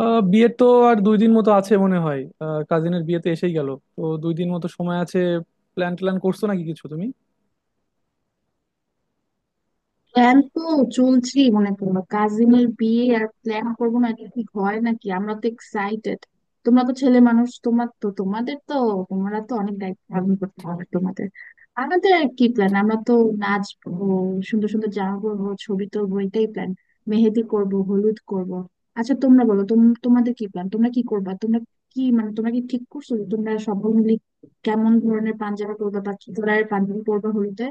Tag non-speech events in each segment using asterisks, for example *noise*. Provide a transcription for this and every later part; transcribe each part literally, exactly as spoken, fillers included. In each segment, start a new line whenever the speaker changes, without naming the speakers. আহ বিয়ে তো আর দুই দিন মতো আছে মনে হয়। আহ কাজিনের বিয়েতে এসেই গেল, তো দুই দিন মতো সময় আছে। প্ল্যান ট্যান করছো নাকি কিছু তুমি?
প্ল্যান তো চলছেই। মনে করো কাজিনের বিয়ে আর প্ল্যান করবো না, এটা ঠিক হয় নাকি? আমরা তো এক্সাইটেড। তোমরা তো ছেলে মানুষ, তোমার তো তোমাদের তো তোমরা তো অনেক দায়িত্ব পালন করতে হবে তোমাদের। আমাদের আর কি প্ল্যান? আমরা তো নাচবো, সুন্দর সুন্দর জামা পরবো, ছবি তুলবো, এটাই প্ল্যান। মেহেদি করব, হলুদ করব। আচ্ছা তোমরা বলো, তোম তোমাদের কি প্ল্যান? তোমরা কি করবা? তোমরা কি মানে, তোমরা কি ঠিক করছো যে তোমরা সবাই মিলে কেমন ধরনের পাঞ্জাবি পরবা বা কি কালারের পাঞ্জাবি পরবা হলুদে?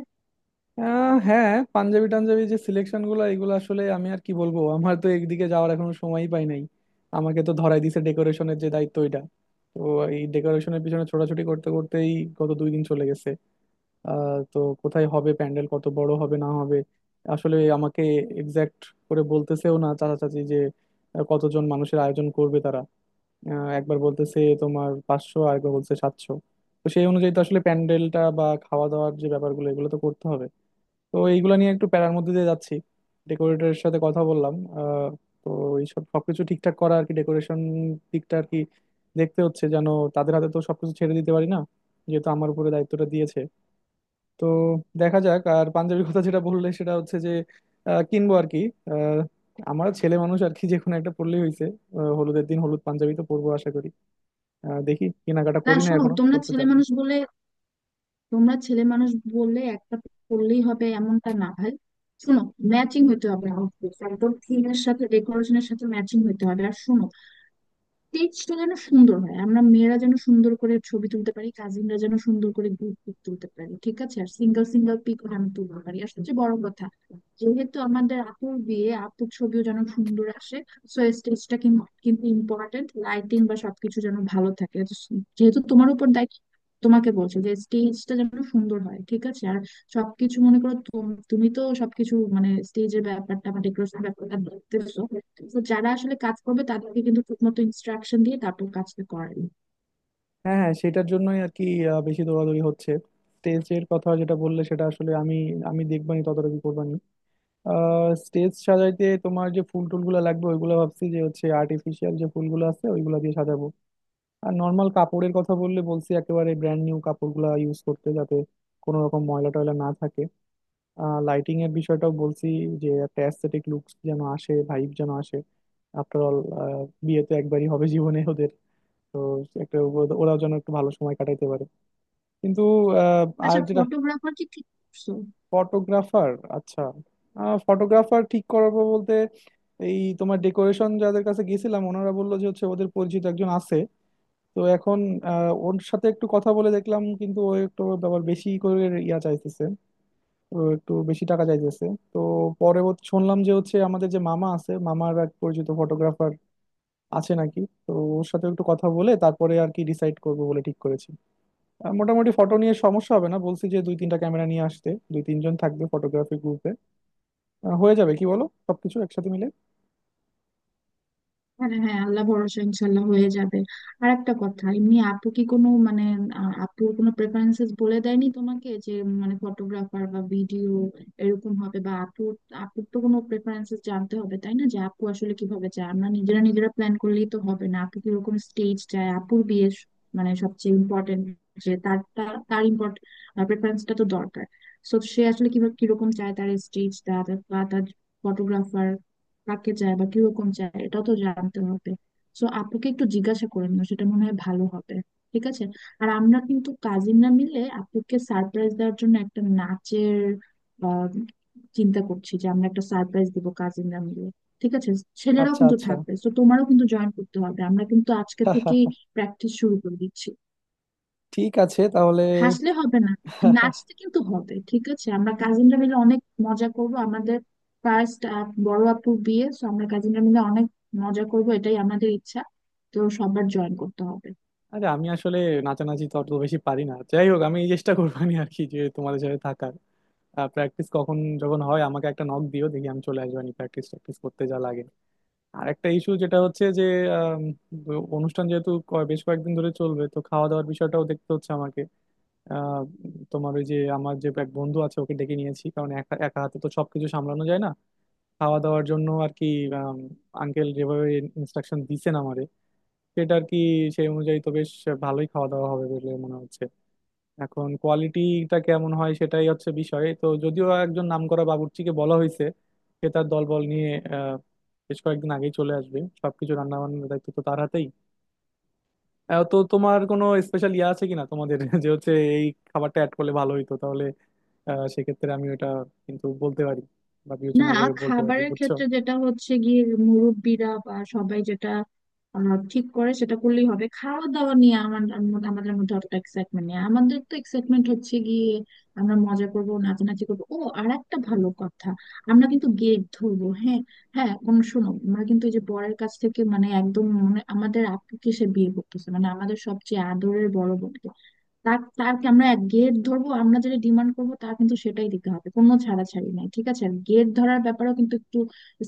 আহ, হ্যাঁ, পাঞ্জাবি টাঞ্জাবি যে সিলেকশন গুলো এগুলো আসলে আমি আর কি বলবো, আমার তো একদিকে যাওয়ার এখনো সময়ই পাই নাই। আমাকে তো ধরাই দিছে ডেকোরেশনের যে দায়িত্ব এটা, তো এই ডেকোরেশনের পিছনে ছোটাছুটি করতে করতেই গত দুই দিন চলে গেছে। আহ তো কোথায় হবে প্যান্ডেল, কত বড় হবে না হবে, আসলে আমাকে এক্সাক্ট করে বলতেছেও না চাচা চাচি যে আহ, কতজন মানুষের আয়োজন করবে তারা। আহ, একবার বলতেছে তোমার পাঁচশো, আর একবার বলছে সাতশো। তো সেই অনুযায়ী তো আসলে প্যান্ডেলটা বা খাওয়া দাওয়ার যে ব্যাপারগুলো এগুলো তো করতে হবে। তো এইগুলো নিয়ে একটু প্যারার মধ্যে দিয়ে যাচ্ছি। ডেকোরেটরের সাথে কথা বললাম। আহ, তো এইসব সবকিছু ঠিকঠাক করা আর কি, ডেকোরেশন দিকটা আর কি দেখতে হচ্ছে, যেন তাদের হাতে তো সবকিছু ছেড়ে দিতে পারি না, যেহেতু আমার উপরে দায়িত্বটা দিয়েছে। তো দেখা যাক। আর পাঞ্জাবির কথা যেটা বললে সেটা হচ্ছে যে আহ, কিনবো আর কি। আহ, আমার ছেলে মানুষ আর কি, যে কোনো একটা পরলেই হয়েছে। হলুদের দিন হলুদ পাঞ্জাবি তো পরবো আশা করি। আহ, দেখি কেনাকাটা
না
করি, না
শোনো,
এখনো
তোমরা
করতে
ছেলে
যাবো।
মানুষ বলে তোমরা ছেলে মানুষ বললে একটা পরলেই হবে, এমনটা না ভাই। শোনো, ম্যাচিং হতে হবে আউটফিট, একদম থিমের সাথে ডেকোরেশনের সাথে ম্যাচিং হতে হবে। আর শোনো, টেক্সটটা যেন সুন্দর হয়, আমরা মেয়েরা যেন সুন্দর করে ছবি তুলতে পারি, কাজিনরা যেন সুন্দর করে গ্রুপ পিক তুলতে পারি, ঠিক আছে? আর সিঙ্গেল সিঙ্গেল পিক আমি তুলতে পারি। আর সবচেয়ে বড় কথা, যেহেতু আমাদের আপুর বিয়ে, আপুর ছবিও যেন সুন্দর আসে। সো স্টেজটা কিন্তু কিন্তু ইম্পর্টেন্ট, লাইটিং বা সবকিছু যেন ভালো থাকে। যেহেতু তোমার উপর দায়িত্ব, তোমাকে বলছে যে স্টেজটা যেন সুন্দর হয়, ঠিক আছে? আর সবকিছু মনে করো তুম- তুমি তো সবকিছু মানে স্টেজের ব্যাপারটা বা ডেকোরেশন ব্যাপারটা দেখতেছো। তো যারা আসলে কাজ করবে তাদেরকে কিন্তু ঠিক মতো ইনস্ট্রাকশন দিয়ে তারপর কাজটা করাবে।
হ্যাঁ হ্যাঁ, সেটার জন্যই আর কি আহ, বেশি দৌড়াদৌড়ি হচ্ছে। স্টেজের কথা যেটা বললে সেটা আসলে আমি আমি দেখবানি, তদারকি করবানি। আহ, স্টেজ সাজাইতে তোমার যে ফুল টুলগুলো লাগবে ওইগুলো ভাবছি যে হচ্ছে, আর্টিফিশিয়াল যে ফুলগুলো আছে ওইগুলো দিয়ে সাজাবো। আর নর্মাল কাপড়ের কথা বললে বলছি একেবারে ব্র্যান্ড নিউ কাপড়গুলা ইউজ করতে, যাতে কোনো রকম ময়লা টয়লা না থাকে। আহ, লাইটিং এর বিষয়টাও বলছি, যে একটা অ্যাস্থেটিক লুকস যেন আসে, ভাইব যেন আসে। আফটার অল, বিয়ে তো একবারই হবে জীবনে ওদের, তো একটা ও- ওরাও যেন একটু ভালো সময় কাটাইতে পারে। কিন্তু আহ, আর
আচ্ছা
যেটা,
ফটোগ্রাফার কি ঠিক করছো?
ফটোগ্রাফার। আচ্ছা, ফটোগ্রাফার ঠিক করবো বলতে, এই তোমার ডেকোরেশন যাদের কাছে গেছিলাম ওনারা বললো যে হচ্ছে ওদের পরিচিত একজন আছে। তো এখন আহ, ওর সাথে একটু কথা বলে দেখলাম, কিন্তু ও একটু আবার বেশি করে ইয়া চাইতেছে, ও একটু বেশি টাকা চাইতেছে। তো পরবর্তী শুনলাম যে হচ্ছে আমাদের যে মামা আছে মামার এক পরিচিত ফটোগ্রাফার আছে নাকি, তো ওর সাথে একটু কথা বলে তারপরে আর কি ডিসাইড করবো বলে ঠিক করেছি। আহ, মোটামুটি ফটো নিয়ে সমস্যা হবে না, বলছি যে দুই তিনটা ক্যামেরা নিয়ে আসতে, দুই তিনজন থাকবে ফটোগ্রাফি গ্রুপে। হয়ে যাবে, কি বলো, সবকিছু একসাথে মিলে।
হ্যাঁ হ্যাঁ, আল্লাহ ভরসা, ইনশাল্লাহ হয়ে যাবে। আর একটা কথা, এমনি আপু কি কোনো মানে আহ, আপুর কোনো প্রেফারেন্সেস বলে দেয়নি তোমাকে যে উম, মানে ফটোগ্রাফার বা ভিডিও এরকম হবে বা আপু, আপুর তো কোনো প্রেফারেন্সেস জানতে হবে, তাই না? যে আপু আসলে কিভাবে চায়, আমরা নিজেরা নিজেরা প্ল্যান করলেই তো হবে না, আপু কিরকম স্টেজ চায়, আপুর বিয়ে স- মানে সবচেয়ে ইম্পর্টেন্ট, যে তার তার তার ইম্পর্টেন্ট প্রেফারেন্সটা তো দরকার। সো সে আসলে কিভাবে কিরকম চায় তার স্টেজটা বা তার ফটোগ্রাফার কাকে চায় বা কিরকম চায়, এটাও তো জানতে হবে। সো আপুকে একটু জিজ্ঞাসা করে নিও, সেটা মনে হয় ভালো হবে, ঠিক আছে? আর আমরা কিন্তু কাজিনরা মিলে আপুকে সারপ্রাইজ দেওয়ার জন্য একটা নাচের আহ, চিন্তা করছি, যে আমরা একটা সারপ্রাইজ দিব কাজিনরা মিলে, ঠিক আছে? ছেলেরাও
আচ্ছা
কিন্তু
আচ্ছা,
থাকবে, তো তোমারও কিন্তু জয়েন করতে হবে। আমরা কিন্তু আজকে থেকেই প্র্যাকটিস শুরু করে দিচ্ছি।
ঠিক আছে তাহলে।
হাসলে হবে না, নাচতে কিন্তু হবে, ঠিক আছে? আমরা কাজিনরা মিলে অনেক মজা করব। আমাদের ফার্স্ট বড় আপুর বিয়ে, তো আমরা কাজিনরা মিলে অনেক মজা করব, এটাই আমাদের ইচ্ছা। তো সবার জয়েন করতে হবে।
আরে আমি আসলে নাচানাচি তো অত বেশি পারি না, যাই হোক আমি এই চেষ্টা করবো নি আর কি যে তোমাদের সাথে থাকার। প্র্যাকটিস কখন যখন হয় আমাকে একটা নক দিও, দেখি আমি চলে আসবো, প্র্যাকটিস প্র্যাকটিস করতে যা লাগে। আর একটা ইস্যু যেটা হচ্ছে যে আম, অনুষ্ঠান যেহেতু ক- বেশ কয়েকদিন ধরে চলবে, তো খাওয়া দাওয়ার বিষয়টাও দেখতে হচ্ছে আমাকে। আহ, তোমার ওই যে আমার যে এক বন্ধু আছে ওকে ডেকে নিয়েছি, কারণ একা একা হাতে তো সবকিছু সামলানো যায় না, খাওয়া দাওয়ার জন্য আর কি। আঙ্কেল যেভাবে ইনস্ট্রাকশন দিছেন আমারে, সেটা আর কি, সেই অনুযায়ী তো বেশ ভালোই খাওয়া দাওয়া হবে বলে মনে হচ্ছে। এখন কোয়ালিটিটা কেমন হয় সেটাই হচ্ছে বিষয়, তো যদিও একজন নামকরা বাবুর্চিকে বলা হয়েছে, সে তার দলবল নিয়ে আহ বেশ কয়েকদিন আগেই চলে আসবে, সবকিছু রান্না বান্নার দায়িত্ব তো তার হাতেই। আহ, তো তোমার কোনো স্পেশাল ইয়ে আছে কিনা তোমাদের *laughs* যে হচ্ছে এই খাবারটা অ্যাড করলে ভালো হইতো তাহলে। আহ, সেক্ষেত্রে আমি ওটা কিন্তু বলতে পারি বা
না,
বিবেচনা করে বলতে পারি,
খাবারের
বুঝছো।
ক্ষেত্রে যেটা হচ্ছে গিয়ে, মুরব্বিরা বা সবাই যেটা আহ, ঠিক করে সেটা করলেই হবে। খাওয়া দাওয়া নিয়ে আমার আমার- আমাদের মধ্যে অতটা এক্সাইটমেন্ট নেই। আমাদের তো এক্সাইটমেন্ট হচ্ছে গিয়ে আমরা মজা করবো, নাচানাচি করবো। ও আর একটা ভালো কথা, আমরা কিন্তু গেট ধরবো, হ্যাঁ। হ্যাঁ, কোন শোনো, আমরা কিন্তু এই যে বরের কাছ থেকে, মানে একদম মানে আমাদের আপুকে সে বিয়ে করতেছে, মানে আমাদের সবচেয়ে আদরের বড় বোন, তার তারকে আমরা এক গেট ধরবো, আমরা যেটা ডিমান্ড করবো তার কিন্তু সেটাই দিতে হবে, কোনো ছাড়াছাড়ি নাই, ঠিক আছে? গেট ধরার ব্যাপারেও কিন্তু একটু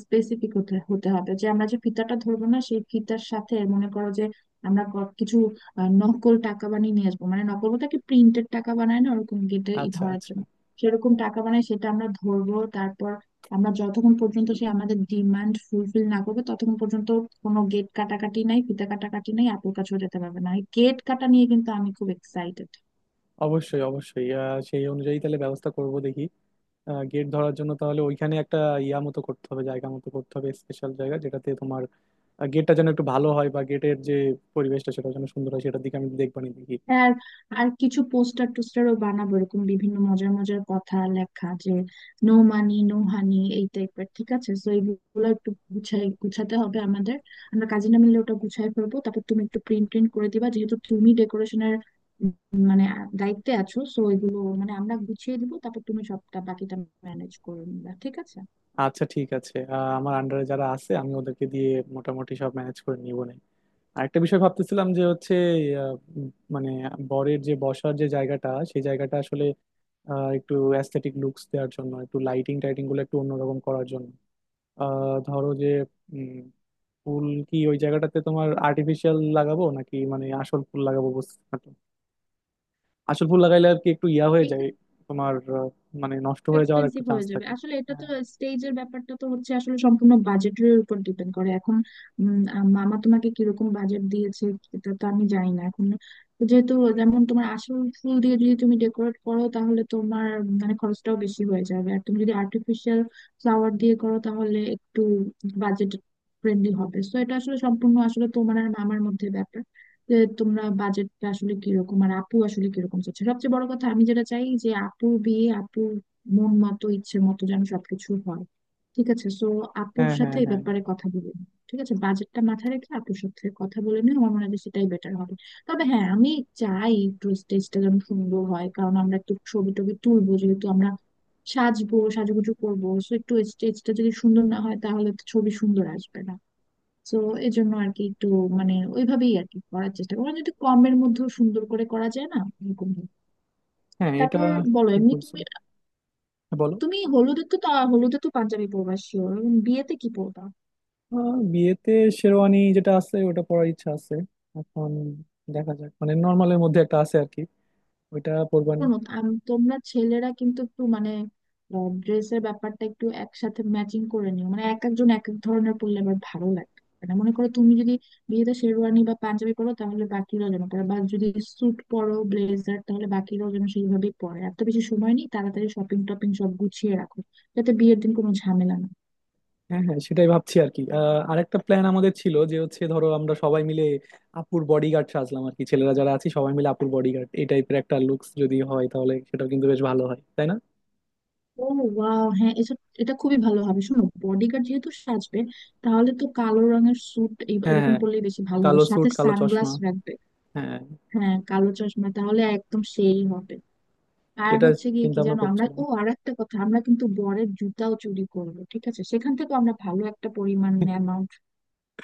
স্পেসিফিক হতে হতে হবে, যে আমরা যে ফিতাটা ধরবো না, সেই ফিতার সাথে মনে করো যে আমরা ক- কিছু আহ, নকল টাকা বানিয়ে নিয়ে আসবো, মানে নকল বলতে কি, প্রিন্টেড টাকা বানায় না ওরকম গেটে
আচ্ছা
ধরার
আচ্ছা।
জন্য, সেরকম টাকা বানায়, সেটা আমরা ধরবো। তারপর আমরা যতক্ষণ পর্যন্ত সে আমাদের ডিমান্ড ফুলফিল না করবে ততক্ষণ পর্যন্ত কোনো গেট কাটাকাটি নাই, ফিতা কাটাকাটি নাই, আপুর কাছেও যেতে পারবে না। গেট কাটা নিয়ে কিন্তু আমি খুব এক্সাইটেড।
অবশ্যই অবশ্যই। আহ, সেই অনুযায়ী তাহলে ব্যবস্থা করব, দেখি। গেট ধরার জন্য তাহলে ওইখানে একটা ইয়া মতো করতে হবে, জায়গা মতো করতে হবে, স্পেশাল জায়গা যেটাতে তোমার গেটটা যেন একটু ভালো হয় বা গেটের যে পরিবেশটা সেটা যেন সুন্দর হয়, সেটার দিকে আমি দেখবানি, দেখি।
হ্যাঁ আর আর কিছু পোস্টার টোস্টারও বানাবো, এরকম বিভিন্ন মজার মজার কথা লেখা, যে নো মানি নো হানি এই টাইপের, ঠিক আছে? তো এইগুলো একটু গুছাই গুছাতে হবে আমাদের। আমরা কাজিনা মিলে ওটা গুছাই ফেলবো, তারপর তুমি একটু প্রিন্ট প্রিন্ট করে দিবা, যেহেতু তুমি ডেকোরেশনের মানে দায়িত্বে আছো। সো এগুলো মানে আমরা গুছিয়ে দিব, তারপর তুমি সবটা বাকিটা ম্যানেজ করে নিবা, ঠিক আছে?
আচ্ছা ঠিক আছে। আহ, আমার আন্ডারে যারা আছে আমি ওদেরকে দিয়ে মোটামুটি সব ম্যানেজ করে নিবো না। আরেকটা বিষয় ভাবতেছিলাম যে হচ্ছে আহ, উম, মানে বরের যে বসার যে জায়গাটা সেই জায়গাটা আসলে আহ, একটু অ্যাস্থেটিক লুকস দেওয়ার জন্য একটু লাইটিং টাইটিং গুলো একটু অন্যরকম করার জন্য আহ, ধরো যে উম, ফুল কি ওই জায়গাটাতে তোমার আর্টিফিশিয়াল লাগাবো নাকি মানে আসল ফুল লাগাবো, বুঝতে পারছো? আসল ফুল লাগাইলে আর কি একটু ইয়া হয়ে যায় তোমার, আহ, মানে নষ্ট হয়ে যাওয়ার একটু
এক্সপেন্সিভ
চান্স
হয়ে যাবে
থাকে।
আসলে এটা তো।
হ্যাঁ
স্টেজের ব্যাপারটা তো হচ্ছে আসলে সম্পূর্ণ বাজেটের উপর ডিপেন্ড করে। এখন উম, আ- মামা তোমাকে কিরকম বাজেট দিয়েছে এটা তো আমি জানি না এখন। যেহেতু, যেমন তোমার আসল ফুল দিয়ে যদি তুমি ডেকোরেট করো তাহলে তোমার মানে খরচটাও বেশি হয়ে যাবে। আর তুমি যদি আর্টিফিশিয়াল ফ্লাওয়ার দিয়ে করো তাহলে একটু বাজেট ফ্রেন্ডলি হবে। সো এটা আসলে সম্পূর্ণ আসলে তোমার আর মামার মধ্যে ব্যাপার, যে তোমরা বাজেটটা আসলে কিরকম আর আপু আসলে কিরকম চাচ্ছে। সবচেয়ে বড় কথা আমি যেটা চাই, যে আপু বিয়ে আপু মন মতো ইচ্ছে মতো যেন সবকিছু হয়, ঠিক আছে? সো আপুর
হ্যাঁ
সাথে
হ্যাঁ
এই
হ্যাঁ
ব্যাপারে কথা বলে নিও। ঠিক আছে, বাজেটটা মাথায় রেখে আপুর সাথে কথা বলে নিও, আমার মনে হয় যে সেটাই বেটার হবে। তবে হ্যাঁ, আমি চাই একটু স্টেজটা যেন সুন্দর হয়, কারণ আমরা একটু ছবি টবি তুলবো, যেহেতু আমরা সাজবো সাজুগুজু করবো। সো একটু স্টেজটা যদি সুন্দর না হয় তাহলে তো ছবি সুন্দর আসবে না। তো এই জন্য আর কি একটু মানে ওইভাবেই আর কি করার চেষ্টা করা, যদি কমের মধ্যেও সুন্দর করে করা যায় না, এরকম ভাবে।
হ্যাঁ এটা
তারপর বলো
ঠিক
এমনি।
বলছো। হ্যাঁ, বলো।
তুমি হলুদে তো তা- হলুদে তো পাঞ্জাবি পরবা শিওর, বিয়েতে কি পরবা?
আহ, বিয়েতে শেরওয়ানি যেটা আছে ওটা পরার ইচ্ছা আছে। এখন দেখা যাক, মানে নর্মালের মধ্যে একটা আছে আর কি, ওইটা পরবো।
শোনো আম- তোমরা ছেলেরা কিন্তু একটু মানে ড্রেসের ব্যাপারটা একটু একসাথে ম্যাচিং করে নিও, মানে এক একজন এক এক ধরনের পরলে আবার ভালো লাগে। মানে মনে করো তুমি যদি বিয়েতে শেরওয়ানি বা পাঞ্জাবি পরো তাহলে বাকিরাও যেন পরে, বা যদি স্যুট পরো ব্লেজার তাহলে বাকিরাও যেন সেইভাবেই পরে। এত বেশি সময় নেই, তাড়াতাড়ি শপিং টপিং সব গুছিয়ে রাখো যাতে বিয়ের দিন কোনো ঝামেলা না হয়।
হ্যাঁ হ্যাঁ, সেটাই ভাবছি আর কি। আহ, আরেকটা প্ল্যান আমাদের ছিল যে হচ্ছে ধরো আমরা সবাই মিলে আপুর বডিগার্ড সাজলাম আর কি, ছেলেরা যারা আছি সবাই মিলে আপুর বডিগার্ড, এই টাইপের একটা লুকস যদি হয় তাহলে সেটাও কিন্তু বেশ ভালো হয়, তাই না?
ও ওয়াও, হ্যাঁ এটা এটা খুবই ভালো হবে। শোনো, বডিগার্ড যেহেতু সাজবে, তাহলে তো কালো রঙের স্যুট
হ্যাঁ
এরকম
হ্যাঁ।
পরলেই বেশি ভালো হবে,
কালো
সাথে
স্যুট, কালো
সানগ্লাস
চশমা।
রাখবে।
হ্যাঁ।
হ্যাঁ কালো চশমা, তাহলে একদম সেই হবে। আর
এটা
হচ্ছে গিয়ে
চিন্তা
কি
ভাবনা
জানো আমরা,
করছিলাম।
ও আর একটা কথা, আমরা কিন্তু বরের জুতাও চুরি করবো, ঠিক আছে? সেখান থেকে আমরা ভালো একটা পরিমাণ
*laughs*
অ্যামাউন্ট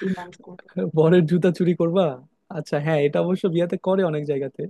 ডিমান্ড করবো।
বরের জুতা চুরি করবা? আচ্ছা হ্যাঁ, এটা অবশ্য বিয়াতে করে অনেক জায়গাতে।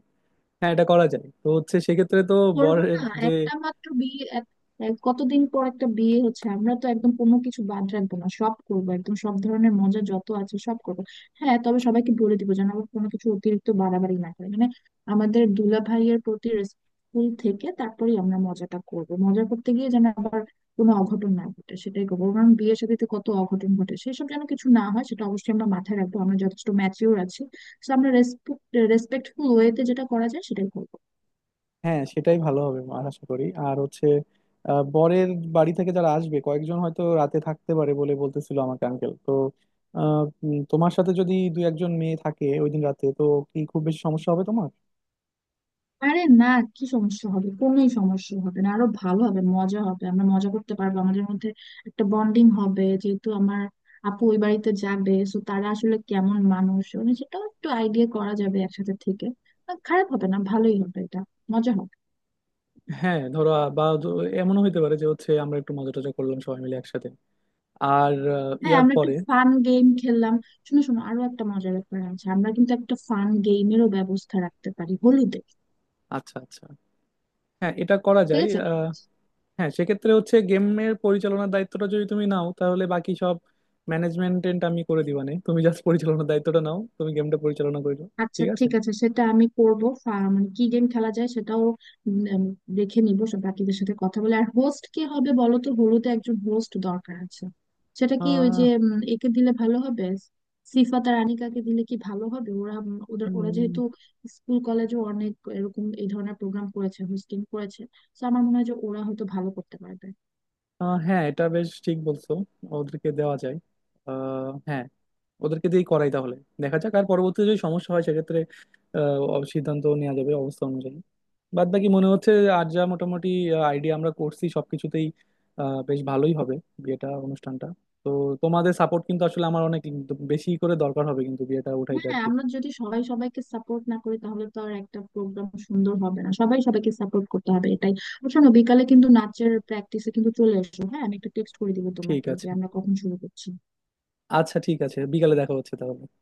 হ্যাঁ এটা করা যায়, তো হচ্ছে সেক্ষেত্রে তো
করবো না
বরের যে।
একটা মাত্র বিয়ে, এক- এক- কতদিন পর একটা বিয়ে হচ্ছে, আমরা তো একদম কোনো কিছু বাদ রাখবো না, সব করবো, একদম সব ধরনের মজা যত আছে সব করবো। হ্যাঁ, তবে সবাইকে বলে দিব যেন আবার কোনো কিছু অতিরিক্ত বাড়াবাড়ি না করে, মানে আমাদের দুলা ভাইয়ের প্রতি রেসপেক্টফুল থেকে তারপরেই আমরা মজাটা করবো। মজা করতে গিয়ে যেন আবার কোনো অঘটন না ঘটে সেটাই করবো, কারণ বিয়ের শাদীতে কত অঘটন ঘটে, সেসব যেন কিছু না হয় সেটা অবশ্যই আমরা মাথায় রাখবো, আমরা যথেষ্ট ম্যাচিওর আছি। তো আমরা রেসপেক্ট রেসপেক্টফুল ওয়েতে যেটা করা যায় সেটাই করবো।
হ্যাঁ সেটাই ভালো হবে আমার আশা করি। আর হচ্ছে আহ, বরের বাড়ি থেকে যারা আসবে কয়েকজন হয়তো রাতে থাকতে পারে বলে বলতেছিল আমাকে আঙ্কেল। তো আহ, উম, তোমার সাথে যদি দুই একজন মেয়ে থাকে ওই দিন রাতে, তো কি খুব বেশি সমস্যা হবে তোমার?
আরে না, কি সমস্যা হবে, কোনোই সমস্যা হবে না, আরো ভালো হবে, মজা হবে, আমরা মজা করতে পারবো, আমাদের মধ্যে একটা বন্ডিং হবে। যেহেতু আমার আপু ওই বাড়িতে যাবে সো তারা আসলে কেমন মানুষ মানে সেটাও একটু আইডিয়া করা যাবে একসাথে থেকে। আহ, খারাপ হবে না, ভালোই হবে এটা, মজা হবে।
হ্যাঁ ধরো আ- বা ধ- এমনও হইতে পারে যে হচ্ছে আমরা একটু মজা টজা করলাম সবাই মিলে একসাথে, আর আহ,
হ্যাঁ
ইয়ার
আমরা একটু
পরে।
ফান গেম খেললাম, শুনো শোনো আরো একটা মজার ব্যাপার আছে, আমরা কিন্তু একটা ফান গেমেরও ব্যবস্থা রাখতে পারি হোলিতে,
আচ্ছা আচ্ছা, হ্যাঁ এটা করা
ঠিক
যায়।
আছে?
হ্যাঁ সেক্ষেত্রে হচ্ছে গেমের পরিচালনার দায়িত্বটা যদি তুমি নাও, তাহলে বাকি সব ম্যানেজমেন্ট আমি করে দিবানে, তুমি জাস্ট পরিচালনার দায়িত্বটা নাও, তুমি গেমটা পরিচালনা করে দাও।
আচ্ছা
ঠিক আছে।
ঠিক আছে, সেটা আমি করবো। ফা- মানে কি গেম খেলা যায় সেটাও উম, উম, দেখে নিবো, সব বাকিদের সাথে কথা বলে। আর হোস্ট কে হবে বলো তো, হলুদে একজন হোস্ট দরকার আছে। সেটা কি ওই যে
আহ
উম, একে দিলে ভালো হবে, সিফাত আর আনিকাকে দিলে কি ভালো হবে? ওরা উম, ওদের ওরা যেহেতু স্কুল কলেজে অনেক এরকম এই ধরনের প্রোগ্রাম করেছে, হোস্টিং করেছে, তো আমার মনে হয় যে ওরা হয়তো ভালো করতে পারবে।
আহ হ্যাঁ এটা বেশ ঠিক বলছো, ওদেরকে দেওয়া যায়। আহ হ্যাঁ, ওদেরকে দিয়েই করাই তাহলে। দেখা যাক, আর পরবর্তীতে যদি সমস্যা হয় সেক্ষেত্রে আহ, অব- সিদ্ধান্ত নেওয়া যাবে অবস্থা অনুযায়ী। বাদ বাকি মনে হচ্ছে আর যা মোটামুটি আইডিয়া আমরা করছি সবকিছুতেই আহ, বেশ ভালোই হবে বিয়েটা, অনুষ্ঠানটা। তো তোমাদের সাপোর্ট কিন্তু আসলে আমার অনেক বেশি করে দরকার হবে কিন্তু বিয়েটা উঠাইতে আর
হ্যাঁ
কি।
আমরা যদি সবাই সবাইকে সাপোর্ট না করি তাহলে তো আর একটা প্রোগ্রাম সুন্দর হবে না, সবাই সবাইকে সাপোর্ট করতে হবে, এটাই। আর শোনো, বিকালে কিন্তু নাচের প্র্যাকটিসে কিন্তু চলে এসো, হ্যাঁ? আমি একটা টেক্সট করে দিব
ঠিক
তোমাকে
আছে।
যে আমরা কখন শুরু করছি।
আচ্ছা ঠিক আছে, বিকালে দেখা হচ্ছে তাহলে।